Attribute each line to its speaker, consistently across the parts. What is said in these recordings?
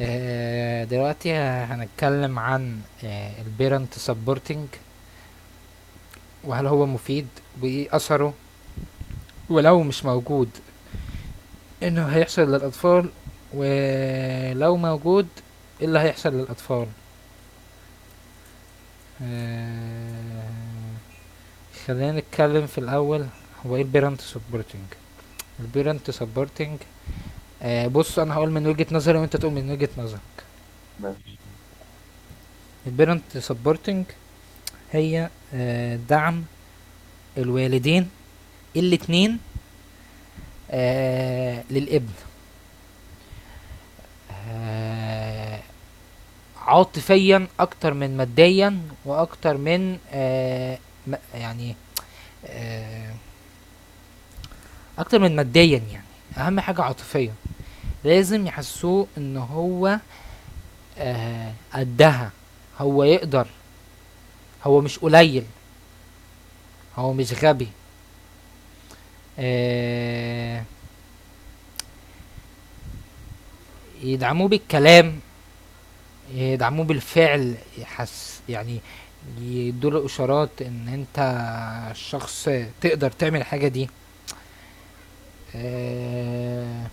Speaker 1: دلوقتي هنتكلم عن البيرنت سبورتنج، وهل هو مفيد، وايه اثره، ولو مش موجود انه هيحصل للاطفال، ولو موجود ايه اللي هيحصل للاطفال. آه، خلينا نتكلم في الاول هو ايه البيرنت سبورتنج. البيرنت سبورتنج بص انا هقول من وجهة نظري وانت تقول من وجهة نظرك.
Speaker 2: ماشي.
Speaker 1: البيرنت سبورتنج هي دعم الوالدين الاتنين للابن، آه عاطفيا اكتر من ماديا واكتر من يعني آه اكتر من ماديا، يعني اهم حاجة عاطفيا. لازم يحسوه ان هو قدها، هو يقدر، هو مش قليل، هو مش غبي. آه يدعموه بالكلام، يدعموه بالفعل يحس يعني، يدوله اشارات ان انت شخص تقدر تعمل الحاجه دي. آه،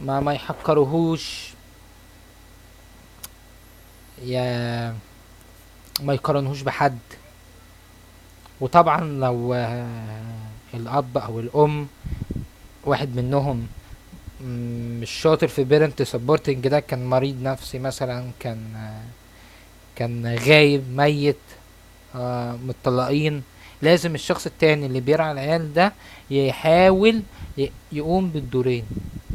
Speaker 1: ما يحقرهوش يا ما يقارنهوش بحد. وطبعا لو الاب او الام واحد منهم مش شاطر في بيرنت سبورتنج ده، كان مريض نفسي مثلا، كان كان غايب ميت، متطلقين، لازم الشخص التاني اللي بيرعى العيال ده يحاول يقوم بالدورين.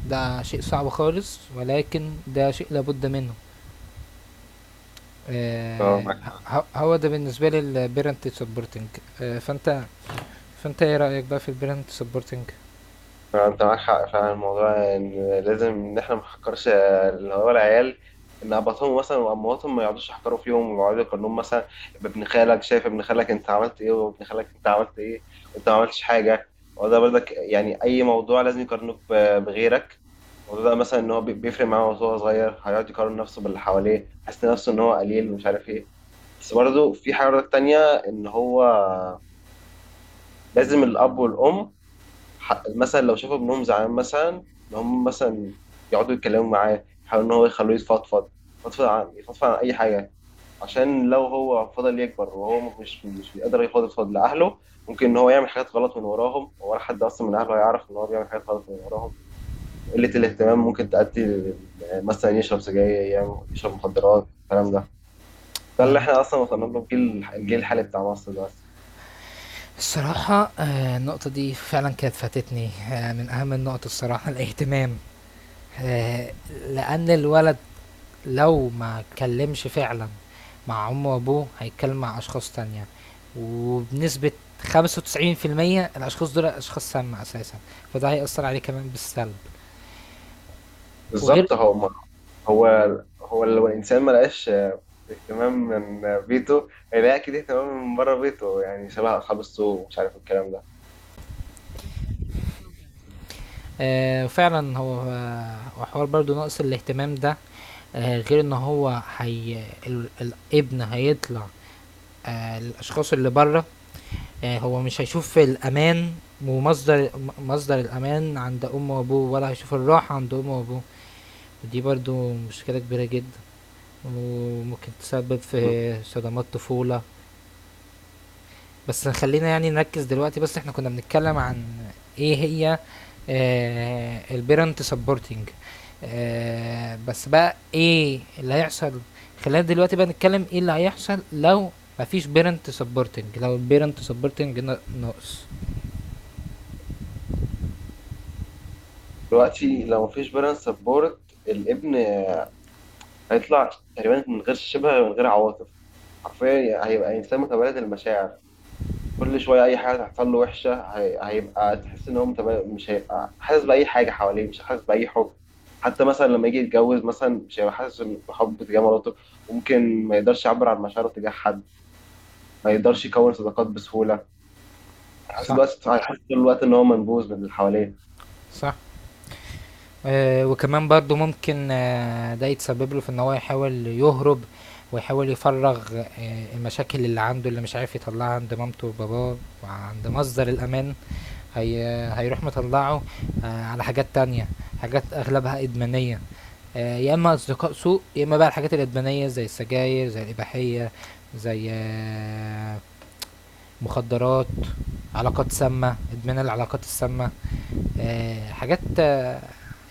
Speaker 1: ده شيء صعب خالص ولكن ده شيء لابد منه.
Speaker 2: اه،
Speaker 1: آه
Speaker 2: معاك حق.
Speaker 1: هو ده بالنسبة لي البيرنت سبورتنج. آه فانت فانت ايه رأيك بقى في البيرنت سبورتنج؟
Speaker 2: فعلا، انت معاك حق فعلا. الموضوع ان لازم ان احنا ما نحكرش، اللي هو العيال، ان اباطهم مثلا وامهاتهم ما يقعدوش يحكروا فيهم ويقعدوا يقارنوهم مثلا بابن خالك. شايف ابن خالك انت عملت ايه، وابن خالك انت عملت ايه، وانت ما عملتش حاجه. وده برضك يعني اي موضوع لازم يقارنوك بغيرك. الموضوع ده مثلا ان هو بيفرق معاه وهو صغير، هيقعد يقارن نفسه باللي حواليه، حاسس نفسه ان هو قليل ومش عارف ايه. بس برضه في حاجه برضك تانية، ان هو لازم الاب والام مثلا لو شافوا ابنهم زعلان، مثلا ان هم مثلا يقعدوا يتكلموا معاه، يحاولوا ان هو يخلوه يفضفض. يفضفض عن اي حاجه. عشان لو هو فضل يكبر وهو مش بيقدر يفضفض لاهله، ممكن ان هو يعمل حاجات غلط من وراهم، ولا حد اصلا من اهله هيعرف ان هو بيعمل حاجات غلط من وراهم. قله الاهتمام ممكن تؤدي مثلا يشرب سجاير، يشرب مخدرات، الكلام ده. ده اللي
Speaker 1: آه
Speaker 2: احنا اصلا وصلنا له في الجيل الحالي بتاع مصر دلوقتي.
Speaker 1: الصراحة النقطة دي فعلا كانت فاتتني، من اهم النقط الصراحة الاهتمام. لان الولد لو ما اتكلمش فعلا مع امه وابوه هيتكلم مع اشخاص تانية، وبنسبة 95% الاشخاص دول اشخاص سامة اساسا، فده هيأثر عليه كمان بالسلب. وغير
Speaker 2: بالظبط. هو هو لو الانسان ما لقاش اهتمام من بيته، هيلاقي اكيد اهتمام من بره بيته، يعني شبه اصحاب السوق ومش عارف الكلام ده.
Speaker 1: فعلا، هو وحوار برضو نقص الاهتمام ده، غير ان هو الابن هيطلع الاشخاص اللي بره، هو مش هيشوف الامان، ومصدر مصدر الامان عند امه وابوه، ولا هيشوف الراحة عند امه وابوه. دي برضو مشكلة كبيرة جدا، وممكن تسبب
Speaker 2: مم.
Speaker 1: في صدمات طفولة. بس خلينا يعني نركز دلوقتي، بس احنا كنا بنتكلم عن ايه هي البيرنت سبورتنج. بس بقى ايه اللي هيحصل؟ خلينا دلوقتي بقى نتكلم ايه اللي هيحصل لو مفيش بيرنت سبورتنج، لو البيرنت سبورتنج ناقص.
Speaker 2: دلوقتي لو مفيش بيرنس سبورت، الابن هيطلع تقريبا من غير شبه، من غير عواطف. حرفيا هيبقى انسان متبلد المشاعر. كل شويه اي حاجه تحصل له وحشه، هيبقى تحس ان هو متبلد، مش هيبقى حاسس باي حاجه حواليه، مش حاسس باي حب. حتى مثلا لما يجي يتجوز مثلا، مش هيبقى حاسس بحب تجاه مراته. ممكن ما يقدرش يعبر عن مشاعره تجاه حد، ما يقدرش يكون صداقات بسهوله.
Speaker 1: صح،
Speaker 2: أنا حاسس طول الوقت إن هو منبوذ من اللي حواليه.
Speaker 1: صح. وكمان برضه ممكن ده يتسبب له في إن هو يحاول يهرب، ويحاول يفرّغ المشاكل اللي عنده اللي مش عارف يطلّعها عند مامته وباباه وعند مصدر الأمان، هي هيروح مطلّعه على حاجات تانية، حاجات أغلبها إدمانية، يا إما أصدقاء سوء، يا إما بقى الحاجات الإدمانية زي السجاير، زي الإباحية، زي مخدرات، علاقات سامة، إدمان العلاقات السامة. حاجات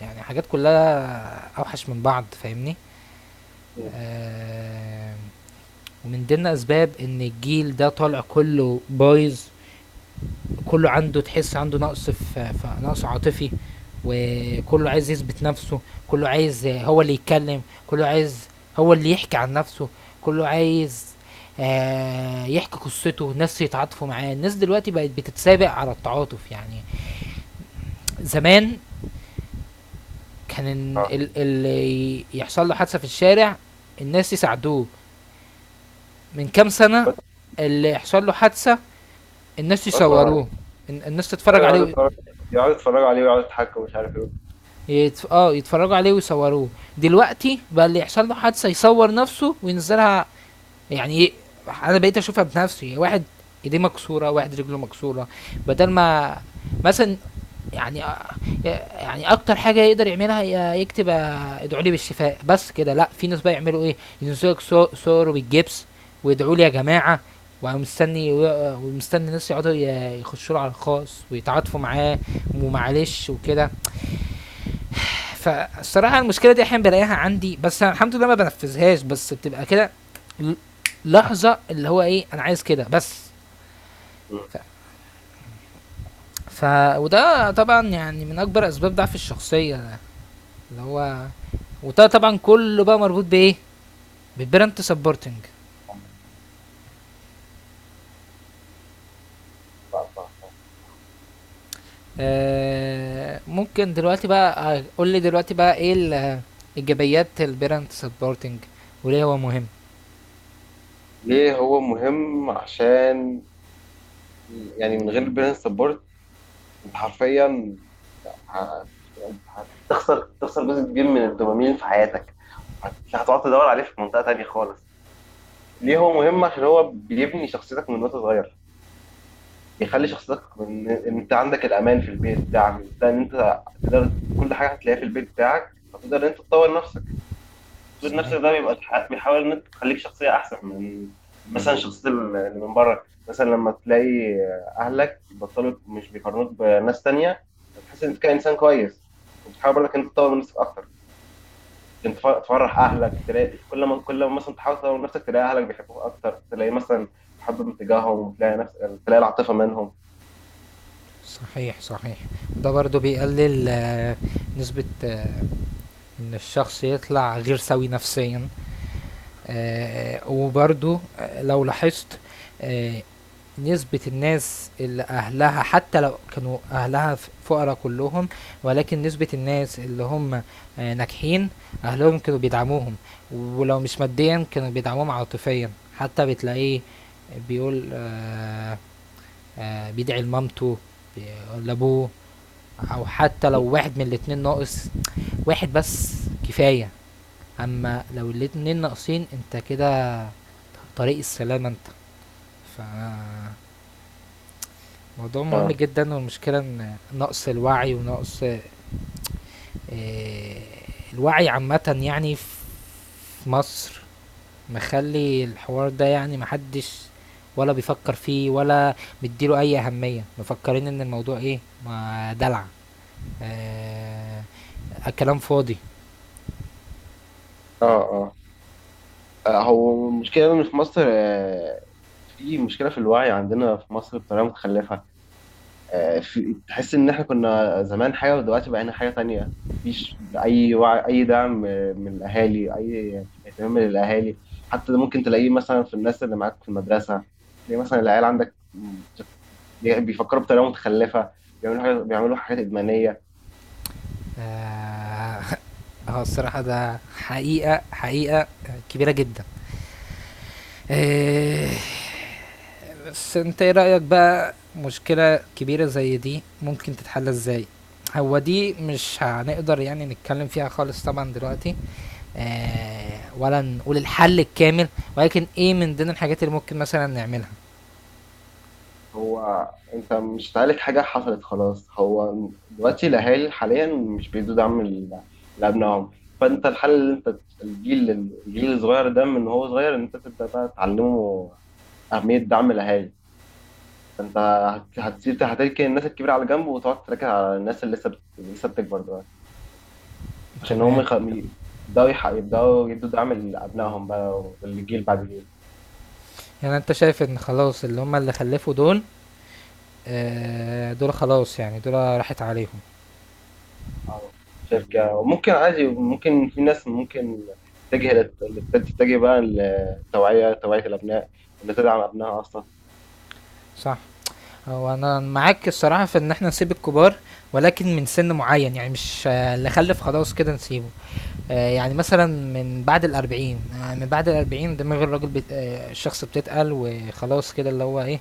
Speaker 1: يعني حاجات كلها اوحش من بعض فاهمني.
Speaker 2: مم.
Speaker 1: آه، ومن ضمن اسباب ان الجيل ده طالع كله بايظ، كله عنده تحس عنده نقص نقص عاطفي، وكله عايز يثبت نفسه، كله عايز هو اللي يتكلم، كله عايز هو اللي يحكي عن نفسه، كله عايز يحكي قصته ناس يتعاطفوا معاه. الناس دلوقتي بقت بتتسابق على التعاطف يعني. زمان كان
Speaker 2: اه.
Speaker 1: اللي يحصل له حادثه في الشارع الناس يساعدوه. من كام سنه
Speaker 2: بس
Speaker 1: اللي يحصل له حادثه الناس
Speaker 2: بس اتفرج
Speaker 1: يصوروه،
Speaker 2: عليه.
Speaker 1: الناس تتفرج
Speaker 2: أيوة،
Speaker 1: عليه
Speaker 2: يقعد
Speaker 1: و-
Speaker 2: يتفرج يقعد يتفرج عليه ويقعد يضحك ومش عارف إيه.
Speaker 1: يتفرجوا عليه ويصوروه. دلوقتي بقى اللي يحصل له حادثه يصور نفسه وينزلها. يعني ايه؟ انا بقيت اشوفها بنفسي، واحد ايديه مكسوره، واحد رجله مكسوره، بدل ما مثلا يعني يعني اكتر حاجه يقدر يعملها يكتب ادعوا لي بالشفاء، بس كده. لا، في ناس بقى يعملوا ايه، ينزلوا لك صور بالجبس ويدعوا لي يا جماعه. ومستني الناس يقعدوا يخشوا له على الخاص ويتعاطفوا معاه ومعلش وكده. فالصراحه المشكله دي احيانا بلاقيها عندي، بس الحمد لله ما بنفذهاش، بس بتبقى كده ل- لحظه اللي هو ايه انا عايز كده بس. ف...
Speaker 2: مم.
Speaker 1: ف وده طبعا يعني من اكبر اسباب ضعف الشخصيه ده اللي هو، وده طبعا كله بقى مربوط بايه، بالبرنت سبورتنج.
Speaker 2: صح، صح، صح.
Speaker 1: ممكن دلوقتي بقى قول لي دلوقتي بقى ايه ايجابيات البرنت سبورتنج وليه هو مهم؟
Speaker 2: ليه هو مهم؟ عشان يعني من غير البرين سبورت، أنت حرفيا ه- تخسر جزء كبير من الدوبامين في حياتك. هتقعد تدور عليه في منطقة تانية خالص. ليه هو مهم؟ عشان هو بيبني شخصيتك من وانت صغير. بيخلي شخصيتك من ان انت عندك الامان في البيت بتاعك ده، ان انت تقدر كل حاجه هتلاقيها في البيت بتاعك، فتقدر ان انت تطور نفسك. تطوير نفسك
Speaker 1: صحيح
Speaker 2: ده بيبقى بيحاول ان انت تخليك شخصيه احسن من مثلا شخصيه اللي من بره. مثلا لما تلاقي اهلك بيبطلوا مش بيقارنوك بناس تانية، هتحس ان انت كانسان كويس، وبتحاول برضك ان انت تطور من نفسك اكتر. عشان تفرح اهلك، تلاقي كل ما مثلا تحاول تطور من نفسك، تلاقي اهلك بيحبوك اكتر. تلاقي مثلا تحب من تجاههم، تلاقي نفسك، تلاقي العاطفه منهم.
Speaker 1: صحيح، صحيح. ده برضو بيقلل نسبة ان الشخص يطلع غير سوي نفسيا. وبرضو لو لاحظت آه، نسبة الناس اللي أهلها حتى لو كانوا أهلها فقراء كلهم، ولكن نسبة الناس اللي هم ناجحين أهلهم كانوا بيدعموهم، ولو مش ماديا كانوا بيدعموهم عاطفيا. حتى بتلاقيه بيقول بيدعي لمامته بي- لأبوه. أو حتى لو واحد من الاتنين ناقص، واحد بس كفاية. أمّا لو الاتنين ناقصين أنت كده طريق السلامة أنت. ف موضوع مهم
Speaker 2: اه،
Speaker 1: جدًا، والمشكلة إن نقص الوعي ونقص الوعي عامةً يعني في مصر، مخلّي الحوار ده يعني ما حدش ولا بيفكّر فيه، ولا مدّي له أي أهمية، مفكّرين إن الموضوع إيه، ما دلع، آآ كلام فاضي.
Speaker 2: اه، اه. هو المشكلة إن في مصر، في مشكلة في الوعي عندنا في مصر بطريقة متخلفة. في تحس إن إحنا كنا زمان حاجة ودلوقتي بقينا حاجة تانية. مفيش أي وعي، أي دعم من الأهالي، أي اهتمام من الأهالي. حتى ده ممكن تلاقيه مثلا في الناس اللي معاك في المدرسة، تلاقي مثلا العيال عندك بيفكروا بطريقة متخلفة، بيعملوا حاجات إدمانية.
Speaker 1: آه، هو الصراحة ده حقيقة، حقيقة كبيرة جدا. آه، بس انت ايه رأيك بقى، مشكلة كبيرة زي دي ممكن تتحل ازاي؟ هو دي مش هنقدر يعني نتكلم فيها خالص طبعا دلوقتي، ولا نقول الحل الكامل، ولكن ايه من ضمن الحاجات اللي ممكن مثلا نعملها.
Speaker 2: هو انت مش هتعالج حاجه حصلت خلاص. هو دلوقتي الاهالي حاليا مش بيدوا دعم لابنائهم. فانت الحل، اللي انت، الجيل، الصغير ده من هو صغير ان انت تبدا بقى تعلمه اهميه دعم الاهالي. فانت هتركن الناس الكبيره على جنب، وتقعد تركز على الناس اللي لسه بتكبر دلوقتي، عشان هم
Speaker 1: تمام.
Speaker 2: يبداوا يدوا دعم لابنائهم بقى، والجيل بعد الجيل.
Speaker 1: يعني انت شايف ان خلاص اللي هم اللي خلفوا دول، دول خلاص، يعني دول راحت عليهم.
Speaker 2: آه. شركة، وممكن عادي، ممكن في ناس ممكن تتجه بقى للتوعية، توعية الأبناء، إن تدعم أبنائها أصلا.
Speaker 1: صح. هو أنا معاك الصراحة في إن إحنا نسيب الكبار، ولكن من سن معين، يعني مش اللي خلف خلاص كده نسيبه، يعني مثلا من بعد الأربعين، من بعد الأربعين دماغ الراجل بت... آه، الشخص بتتقل وخلاص كده اللي هو إيه،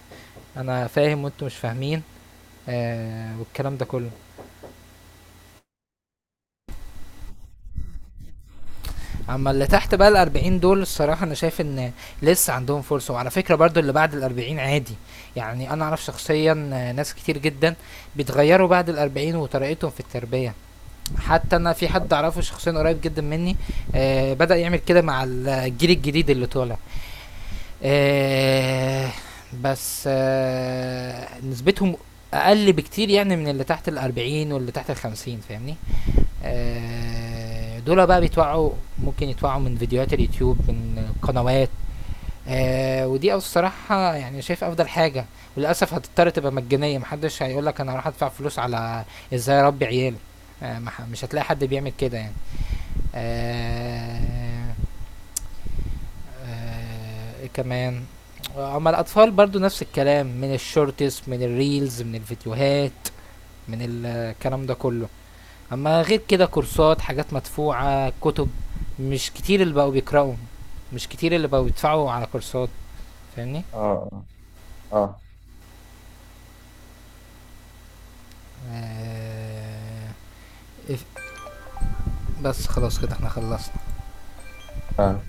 Speaker 1: أنا فاهم وأنتوا مش فاهمين والكلام ده كله. أما اللي تحت بقى الأربعين دول الصراحة أنا شايف إن لسه عندهم فرصة. وعلى فكرة برضو اللي بعد الأربعين عادي، يعني أنا أعرف شخصيا ناس كتير جدا بيتغيروا بعد الأربعين وطريقتهم في التربية. حتى انا في حد اعرفه شخصيا قريب جدا مني بدأ يعمل كده مع الجيل الجديد اللي طالع. آه بس آه نسبتهم اقل بكتير، يعني من اللي تحت الاربعين واللي تحت الخمسين فاهمني. دول بقى بيتوعوا، ممكن يتوعوا من فيديوهات اليوتيوب، من قنوات ودي، أو الصراحة يعني شايف أفضل حاجة. وللأسف هتضطر تبقى مجانية، محدش هيقولك أنا هروح أدفع فلوس على إزاي أربي عيالي. آه ما ح- مش هتلاقي حد بيعمل كده يعني. آه إيه كمان؟ أما الأطفال برضو نفس الكلام، من الشورتس، من الريلز، من الفيديوهات، من الكلام ده كله. اما غير كده كورسات، حاجات مدفوعة، كتب، مش كتير اللي بقوا بيقرأوا، مش كتير اللي بقوا بيدفعوا على كورسات فاهمني.
Speaker 2: اه، اه،
Speaker 1: آه، إف- بس خلاص كده احنا خلصنا.
Speaker 2: اه.